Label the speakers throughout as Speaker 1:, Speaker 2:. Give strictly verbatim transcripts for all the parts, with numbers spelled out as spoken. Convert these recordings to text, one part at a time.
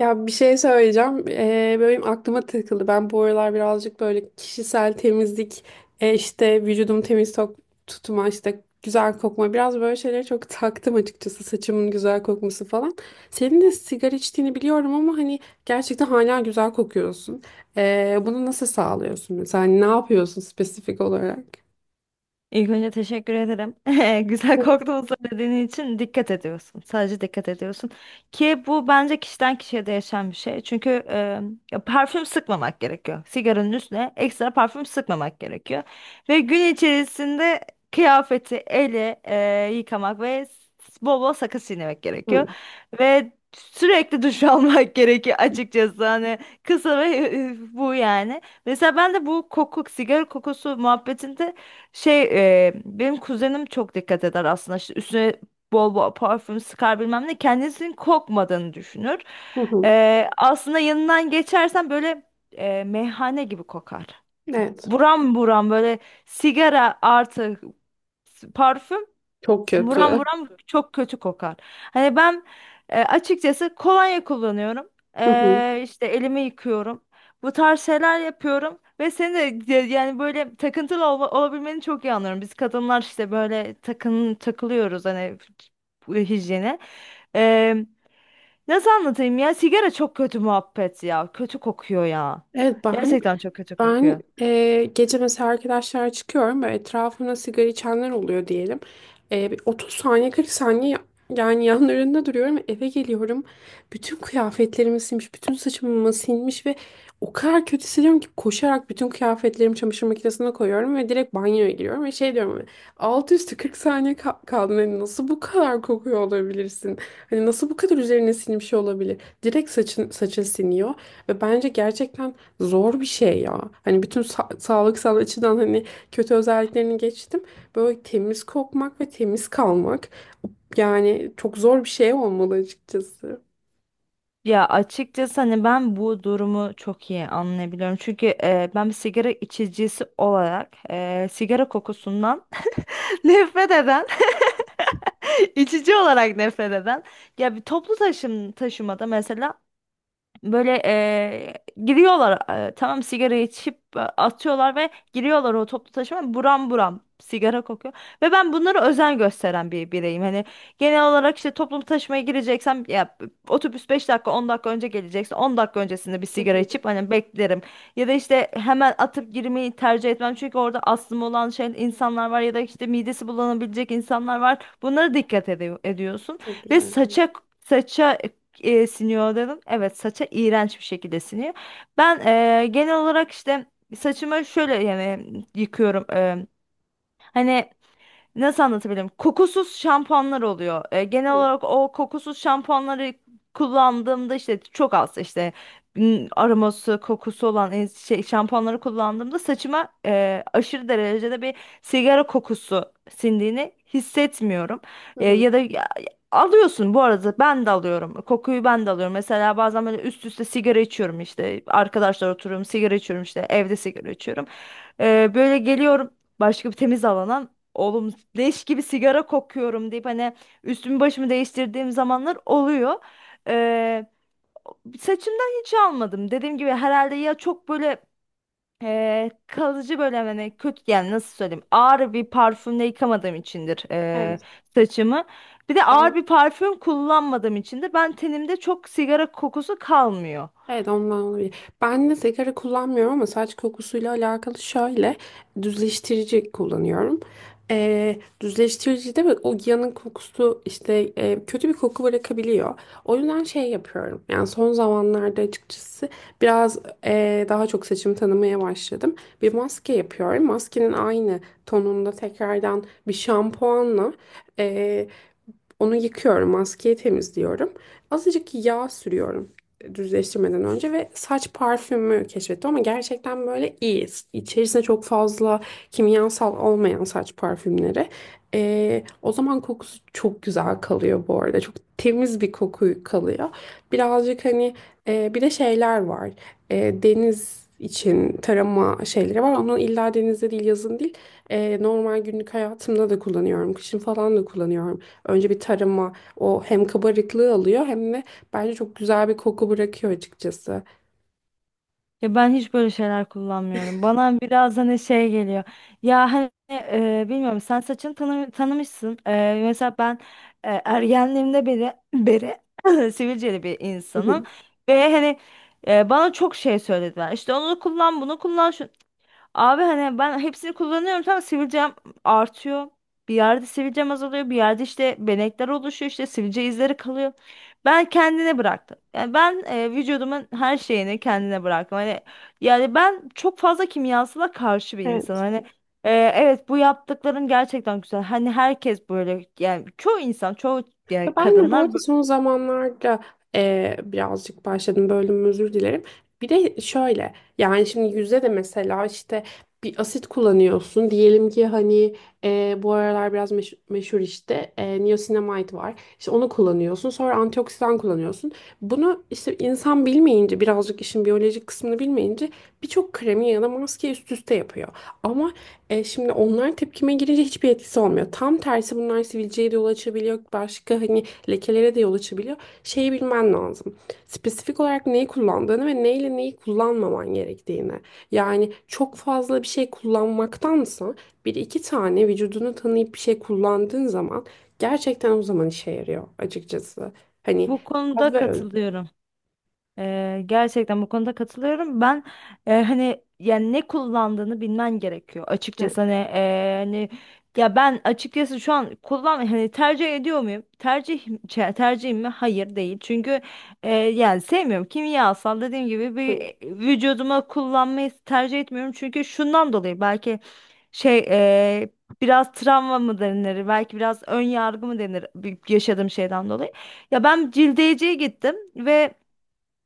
Speaker 1: Ya bir şey söyleyeceğim. Ee, böyle benim aklıma takıldı. Ben bu aralar birazcık böyle kişisel temizlik, e, işte vücudumu temiz tok- tutma, işte güzel kokma, biraz böyle şeylere çok taktım açıkçası. Saçımın güzel kokması falan. Senin de sigara içtiğini biliyorum, ama hani gerçekten hala güzel kokuyorsun. Ee, bunu nasıl sağlıyorsun mesela? Hani ne yapıyorsun spesifik olarak?
Speaker 2: İlk önce teşekkür ederim. Güzel korktuğumu söylediğin için dikkat ediyorsun. Sadece dikkat ediyorsun. Ki bu bence kişiden kişiye değişen bir şey. Çünkü e, ya parfüm sıkmamak gerekiyor. Sigaranın üstüne ekstra parfüm sıkmamak gerekiyor. Ve gün içerisinde kıyafeti, eli e, yıkamak ve s- bol bol sakız çiğnemek
Speaker 1: Hı.
Speaker 2: gerekiyor. Ve sürekli duş almak gerekiyor açıkçası. Hani kısa ve e, bu yani. Mesela ben de bu koku, sigara kokusu muhabbetinde şey e, benim kuzenim çok dikkat eder aslında, işte üstüne bol bol parfüm sıkar bilmem ne, kendisinin kokmadığını düşünür.
Speaker 1: Hı hı.
Speaker 2: E, aslında yanından geçersen böyle e, meyhane gibi kokar.
Speaker 1: Evet.
Speaker 2: Buram buram böyle sigara artı parfüm.
Speaker 1: Çok
Speaker 2: Buram
Speaker 1: kötü.
Speaker 2: buram çok kötü kokar. Hani ben e, açıkçası kolonya kullanıyorum.
Speaker 1: Hı hı.
Speaker 2: E, işte elimi yıkıyorum. Bu tarz şeyler yapıyorum ve seni de de- yani böyle takıntılı ol, olabilmeni çok iyi anlıyorum. Biz kadınlar işte böyle takın takılıyoruz hani bu hijyene. Nasıl anlatayım ya? Sigara çok kötü muhabbet ya. Kötü kokuyor ya.
Speaker 1: Evet, bahane.
Speaker 2: Gerçekten çok kötü
Speaker 1: Ben
Speaker 2: kokuyor.
Speaker 1: eee, gece mesela arkadaşlar çıkıyorum ve etrafımda sigara içenler oluyor diyelim. Eee, bir otuz saniye, kırk saniye ya- yani yanlarında duruyorum ve eve geliyorum. Bütün kıyafetlerimi silmiş, bütün saçımı silmiş ve o kadar kötü hissediyorum ki koşarak bütün kıyafetlerimi çamaşır makinesine koyuyorum ve direkt banyoya giriyorum ve şey diyorum, hani altı üstü kırk saniye ka kaldın, hani nasıl bu kadar kokuyor olabilirsin? Hani nasıl bu kadar üzerine silmiş olabilir? Direkt saçın saçın siniyor. Ve bence gerçekten zor bir şey ya. Hani bütün sa- sağlıksal açıdan hani kötü özelliklerini geçtim. Böyle temiz kokmak ve temiz kalmak yani çok zor bir şey olmalı açıkçası.
Speaker 2: Ya açıkçası hani ben bu durumu çok iyi anlayabiliyorum. Çünkü e, ben bir sigara içicisi olarak e, sigara kokusundan nefret eden, içici olarak nefret eden. Ya bir toplu taşım taşımada mesela böyle eee, giriyorlar, eee, tamam sigarayı içip e, atıyorlar ve giriyorlar, o toplu taşıma buram buram sigara kokuyor. Ve ben bunlara özen gösteren bir bireyim. Hani genel olarak işte toplu taşımaya gireceksem ya otobüs beş dakika on dakika önce gelecekse on dakika öncesinde bir
Speaker 1: Hı
Speaker 2: sigara
Speaker 1: hı.
Speaker 2: içip hani beklerim. Ya da işte hemen atıp girmeyi tercih etmem. Çünkü orada astımı olan şey insanlar var ya da işte midesi bulanabilecek insanlar var. Bunlara dikkat ede- ediyorsun
Speaker 1: Çok
Speaker 2: ve
Speaker 1: güzel.
Speaker 2: saça saça e, siniyor dedim. Evet, saça iğrenç bir şekilde siniyor. Ben e, genel olarak işte saçımı şöyle yani yıkıyorum. E, hani nasıl anlatabilirim? Kokusuz şampuanlar oluyor. E, genel
Speaker 1: Hı
Speaker 2: olarak o kokusuz şampuanları kullandığımda işte çok az işte m, aroması, kokusu olan e, şey, şampuanları kullandığımda saçıma e, aşırı derecede bir sigara kokusu sindiğini hissetmiyorum. E,
Speaker 1: hı.
Speaker 2: ya da ya- Alıyorsun bu arada, ben de alıyorum. Kokuyu ben de alıyorum. Mesela bazen böyle üst üste sigara içiyorum işte. Arkadaşlar oturuyorum sigara içiyorum işte, evde sigara içiyorum. E, böyle geliyorum başka bir temiz alana. Oğlum leş gibi sigara kokuyorum deyip hani üstümü başımı değiştirdiğim zamanlar oluyor. Ee, Saçımdan hiç almadım. Dediğim gibi herhalde ya çok böyle e, kalıcı böyle hani kötü, yani nasıl söyleyeyim, ağır bir parfümle yıkamadığım içindir e,
Speaker 1: Evet.
Speaker 2: saçımı. Bir de ağır bir parfüm kullanmadığım içindir. Ben tenimde çok sigara kokusu kalmıyor.
Speaker 1: Evet, ondan olabilir. Ben de sigara kullanmıyorum ama saç kokusuyla alakalı şöyle düzleştirici kullanıyorum. Ee, düzleştirici de o yanın kokusu işte e, kötü bir koku bırakabiliyor. O yüzden şey yapıyorum. Yani son zamanlarda açıkçası biraz e, daha çok saçımı tanımaya başladım. Bir maske yapıyorum. Maskenin aynı tonunda tekrardan bir şampuanla onu yıkıyorum, maskeyi temizliyorum. Azıcık yağ sürüyorum düzleştirmeden önce ve saç parfümü keşfettim, ama gerçekten böyle iyi. İçerisinde çok fazla kimyasal olmayan saç parfümleri. Ee, o zaman kokusu çok güzel kalıyor bu arada. Çok temiz bir koku kalıyor. Birazcık hani e, bir de şeyler var. E, deniz için tarama şeyleri var. Onu illa denizde değil, yazın değil. E, normal günlük hayatımda da kullanıyorum. Kışın falan da kullanıyorum. Önce bir tarıma, o hem kabarıklığı alıyor hem de bence çok güzel bir koku bırakıyor açıkçası.
Speaker 2: Ya ben hiç böyle şeyler kullanmıyorum. Bana biraz hani şey geliyor. Ya hani e, bilmiyorum, sen saçını tanı tanımışsın. E, mesela ben e, ergenliğimde beri, beri sivilceli bir
Speaker 1: Hı
Speaker 2: insanım.
Speaker 1: hı.
Speaker 2: Ve hani e, bana çok şey söylediler. İşte onu kullan, bunu kullan. Abi hani ben hepsini kullanıyorum, tamam sivilcem artıyor. Bir yerde sivilcem azalıyor. Bir yerde işte benekler oluşuyor, işte sivilce izleri kalıyor. Ben kendine bıraktım. Yani ben e, vücudumun her şeyini kendine bıraktım. Hani yani ben çok fazla kimyasala karşı bir insanım.
Speaker 1: Evet.
Speaker 2: Hani e, evet, bu yaptıkların gerçekten güzel. Hani herkes böyle, yani çoğu insan, çoğu
Speaker 1: Ya
Speaker 2: yani
Speaker 1: ben de bu
Speaker 2: kadınlar
Speaker 1: arada
Speaker 2: bu
Speaker 1: son zamanlarda eee, birazcık başladım, bölüm özür dilerim. Bir de şöyle, yani şimdi yüzde de mesela işte bir asit kullanıyorsun. Diyelim ki hani, eee, bu aralar biraz meş- meşhur işte eee niacinamide var. İşte onu kullanıyorsun, sonra antioksidan kullanıyorsun. Bunu işte insan bilmeyince, birazcık işin biyolojik kısmını bilmeyince, birçok kremi ya da maske üst üste yapıyor. Ama e şimdi onlar tepkime girince hiçbir etkisi olmuyor. Tam tersi, bunlar sivilceye de yol açabiliyor. Başka hani lekelere de yol açabiliyor. Şeyi bilmen lazım. Spesifik olarak neyi kullandığını ve neyle neyi kullanmaman gerektiğini. Yani çok fazla bir şey kullanmaktansa bir iki tane vücudunu tanıyıp bir şey kullandığın zaman, gerçekten o zaman işe yarıyor açıkçası. Hani
Speaker 2: bu
Speaker 1: az
Speaker 2: konuda
Speaker 1: ve öz.
Speaker 2: katılıyorum. Ee, gerçekten bu konuda katılıyorum. Ben e, hani yani ne kullandığını bilmen gerekiyor
Speaker 1: Hı
Speaker 2: açıkçası, hani, e, hani ya ben açıkçası şu an kullan hani tercih ediyor muyum? Tercih çe- tercihim mi? Hayır değil. Çünkü e, yani sevmiyorum. Kimyasal, dediğim gibi bir
Speaker 1: hı.
Speaker 2: e, vücuduma kullanmayı tercih etmiyorum. Çünkü şundan dolayı belki şey e, biraz travma mı denir? Belki biraz ön yargı mı denir bir- yaşadığım şeyden dolayı. Ya ben cildeyeciye gittim ve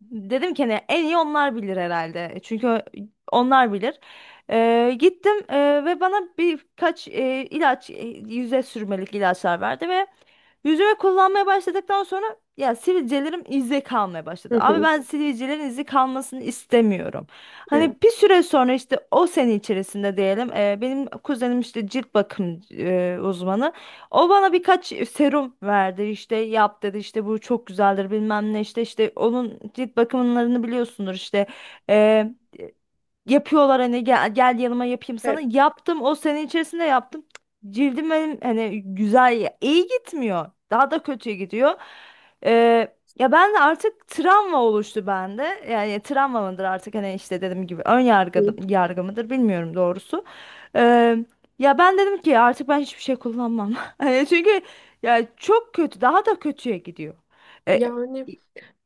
Speaker 2: dedim ki hani en iyi onlar bilir herhalde. Çünkü onlar bilir. Ee, gittim e, ve bana birkaç e, ilaç, e, yüze sürmelik ilaçlar verdi ve yüzme kullanmaya başladıktan sonra ya sivilcelerim izde kalmaya
Speaker 1: Hı.
Speaker 2: başladı. Abi
Speaker 1: Hı.
Speaker 2: ben sivilcelerin izi kalmasını istemiyorum.
Speaker 1: Evet.
Speaker 2: Hani bir süre sonra işte o sene içerisinde diyelim e, benim kuzenim işte cilt bakım e, uzmanı. O bana birkaç serum verdi, işte yap dedi, işte bu çok güzeldir bilmem ne, işte işte onun cilt bakımlarını biliyorsundur işte. E, Yapıyorlar, hani gel, gel yanıma yapayım sana. Yaptım, o sene içerisinde yaptım. Cık, cildim benim hani güzel, iyi gitmiyor. Daha da kötüye gidiyor. Ee, ya ben de artık travma oluştu bende. Yani travma mıdır artık, hani işte dediğim gibi ön yargı,
Speaker 1: Evet.
Speaker 2: yargı mıdır bilmiyorum doğrusu. Ee, Ya ben dedim ki artık ben hiçbir şey kullanmam. Hani çünkü ya çok kötü, daha da kötüye gidiyor. Ee,
Speaker 1: Yani,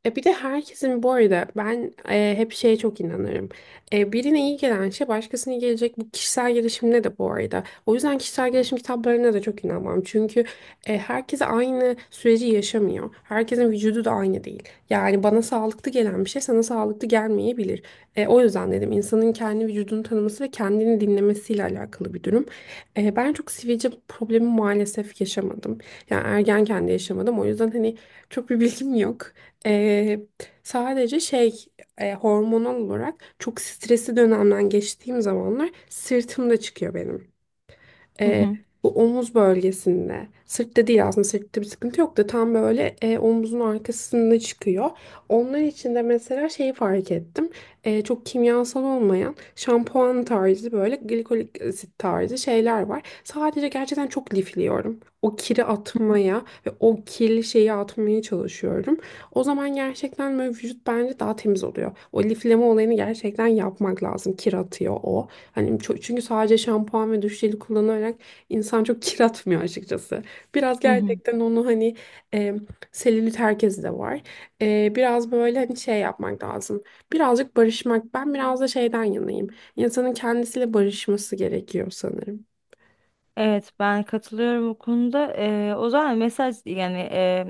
Speaker 1: E bir de herkesin bu arada, ben e, hep şeye çok inanırım. E, birine iyi gelen şey başkasına gelecek. Bu kişisel gelişimde de bu arada. O yüzden kişisel gelişim kitaplarına da çok inanmam. Çünkü e, herkes aynı süreci yaşamıyor. Herkesin vücudu da aynı değil. Yani bana sağlıklı gelen bir şey sana sağlıklı gelmeyebilir. E, o yüzden dedim, insanın kendi vücudunu tanıması ve kendini dinlemesiyle alakalı bir durum. E, ben çok sivilce problemi maalesef yaşamadım. Yani ergenken de yaşamadım. O yüzden hani çok bir bilgim yok. Ee, Sadece şey, e, hormonal olarak çok stresli dönemden geçtiğim zamanlar sırtımda çıkıyor benim.
Speaker 2: Hı
Speaker 1: Ee,
Speaker 2: hı.
Speaker 1: Bu omuz bölgesinde. Sırtta değil, aslında sırtta bir sıkıntı yok da tam böyle e, omuzun arkasında çıkıyor. Onlar için de mesela şeyi fark ettim. Ee, çok kimyasal olmayan şampuan tarzı, böyle glikolik asit tarzı şeyler var. Sadece gerçekten çok lifliyorum. O kiri atmaya ve o kirli şeyi atmaya çalışıyorum. O zaman gerçekten böyle vücut bence daha temiz oluyor. O lifleme olayını gerçekten yapmak lazım. Kir atıyor o. Hani ço- çünkü sadece şampuan ve duş jeli kullanarak insan çok kir atmıyor açıkçası. Biraz
Speaker 2: Hı hı.
Speaker 1: gerçekten onu hani e, selülit herkesi de var. E, biraz böyle hani şey yapmak lazım. Birazcık barışmak. Ben biraz da şeyden yanayım. İnsanın kendisiyle barışması gerekiyor sanırım.
Speaker 2: Evet, ben katılıyorum bu konuda. Ee, o zaman mesaj yani, e,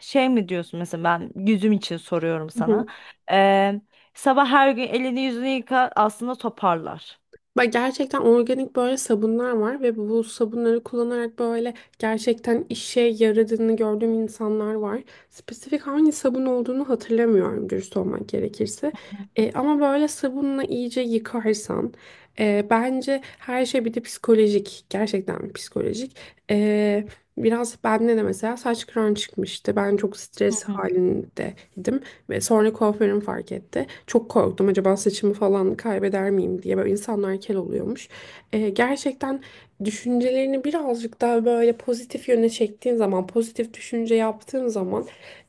Speaker 2: şey mi diyorsun mesela, ben yüzüm için soruyorum sana. Ee, Sabah her gün elini yüzünü yıka, aslında toparlar.
Speaker 1: Bak, gerçekten organik böyle sabunlar var ve bu sabunları kullanarak böyle gerçekten işe yaradığını gördüğüm insanlar var. Spesifik hangi sabun olduğunu hatırlamıyorum, dürüst olmak gerekirse. E, ama böyle sabunla iyice yıkarsan, e, bence her şey bir de psikolojik. Gerçekten psikolojik. E, Biraz bende de mesela saç kıran çıkmıştı. Ben çok
Speaker 2: Hı
Speaker 1: stres
Speaker 2: hı.
Speaker 1: halindeydim. Ve sonra kuaförüm fark etti. Çok korktum, acaba saçımı falan kaybeder miyim diye. Böyle insanlar kel oluyormuş. Ee, gerçekten düşüncelerini birazcık daha böyle pozitif yöne çektiğin zaman, pozitif düşünce yaptığın zaman,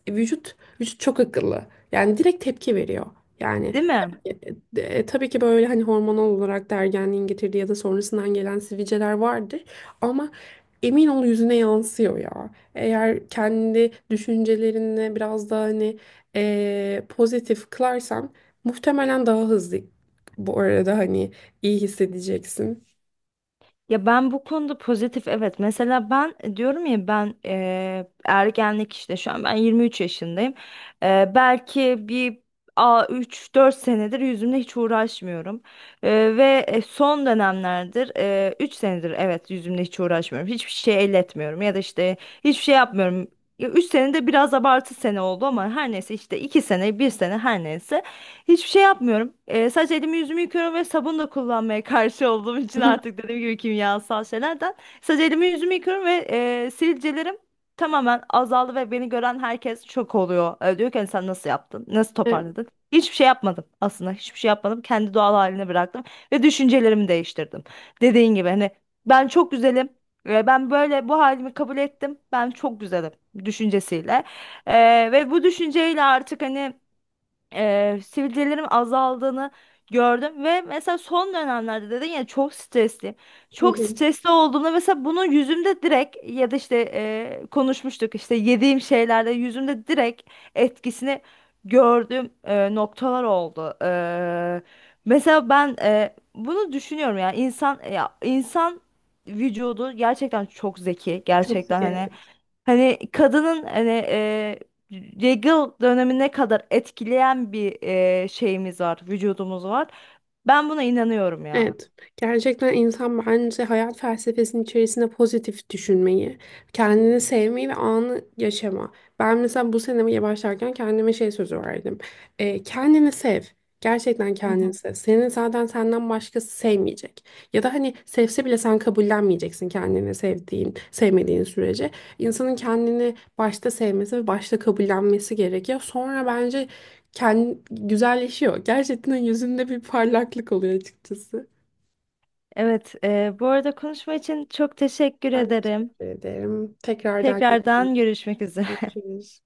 Speaker 1: e, vücut vücut çok akıllı. Yani direkt tepki veriyor. Yani,
Speaker 2: Değil mi?
Speaker 1: e, e, e, tabii ki böyle hani hormonal olarak da ergenliğin getirdiği ya da sonrasından gelen sivilceler vardır. Ama emin ol, yüzüne yansıyor ya. Eğer kendi düşüncelerini biraz daha hani e, pozitif kılarsan, muhtemelen daha hızlı bu arada hani iyi hissedeceksin.
Speaker 2: Ya ben bu konuda pozitif, evet. Mesela ben e, diyorum ya ben, eee, ergenlik işte, şu an ben yirmi üç yaşındayım. Eee, belki bir a üç dört senedir yüzümle hiç uğraşmıyorum. Eee, ve e, son dönemlerdir üç senedir, evet, yüzümle hiç uğraşmıyorum. Hiçbir şey elletmiyorum ya da işte hiçbir şey yapmıyorum. üç senede biraz abartı sene oldu ama her neyse, işte iki sene bir sene her neyse. Hiçbir şey yapmıyorum. Ee, sadece elimi yüzümü yıkıyorum ve sabun da kullanmaya karşı olduğum için, artık dediğim gibi, kimyasal şeylerden. Sadece elimi yüzümü yıkıyorum ve e, sivilcelerim tamamen azaldı ve beni gören herkes şok oluyor. Ee, diyor ki "Hani sen nasıl yaptın? Nasıl
Speaker 1: Evet.
Speaker 2: toparladın?" Hiçbir şey yapmadım aslında. Hiçbir şey yapmadım. Kendi doğal haline bıraktım ve düşüncelerimi değiştirdim. Dediğin gibi hani ben çok güzelim. Ee, Ben böyle bu halimi kabul ettim. Ben çok güzelim düşüncesiyle. Ee, ve bu düşünceyle artık hani e, sivilcelerim azaldığını gördüm ve mesela son dönemlerde dedin ya, çok stresliyim.
Speaker 1: Hı
Speaker 2: Çok
Speaker 1: hı.
Speaker 2: stresli olduğumda mesela bunu yüzümde direkt, ya da işte e, konuşmuştuk işte yediğim şeylerde yüzümde direkt etkisini gördüğüm e, noktalar oldu. E, mesela ben e, bunu düşünüyorum ya, insan ya insan vücudu gerçekten çok zeki,
Speaker 1: Çok sık.
Speaker 2: gerçekten hani. Hani kadının hani e, regl dönemine kadar etkileyen bir e, şeyimiz var, vücudumuz var. Ben buna inanıyorum ya.
Speaker 1: Evet, gerçekten insan bence hayat felsefesinin içerisinde pozitif düşünmeyi, kendini sevmeyi ve anı yaşama. Ben mesela bu senemi başlarken kendime şey sözü verdim. Ee, kendini sev. Gerçekten
Speaker 2: Hı
Speaker 1: kendini
Speaker 2: hı.
Speaker 1: sev. Senin zaten senden başkası sevmeyecek. Ya da hani sevse bile sen kabullenmeyeceksin, kendini sevdiğin, sevmediğin sürece. İnsanın kendini başta sevmesi ve başta kabullenmesi gerekiyor. Sonra bence kendi güzelleşiyor. Gerçekten yüzünde bir parlaklık oluyor açıkçası.
Speaker 2: Evet, e, bu arada konuşma için çok teşekkür
Speaker 1: Ben
Speaker 2: ederim.
Speaker 1: teşekkür ederim. Tekrardan
Speaker 2: Tekrardan görüşmek üzere.
Speaker 1: görüşürüz.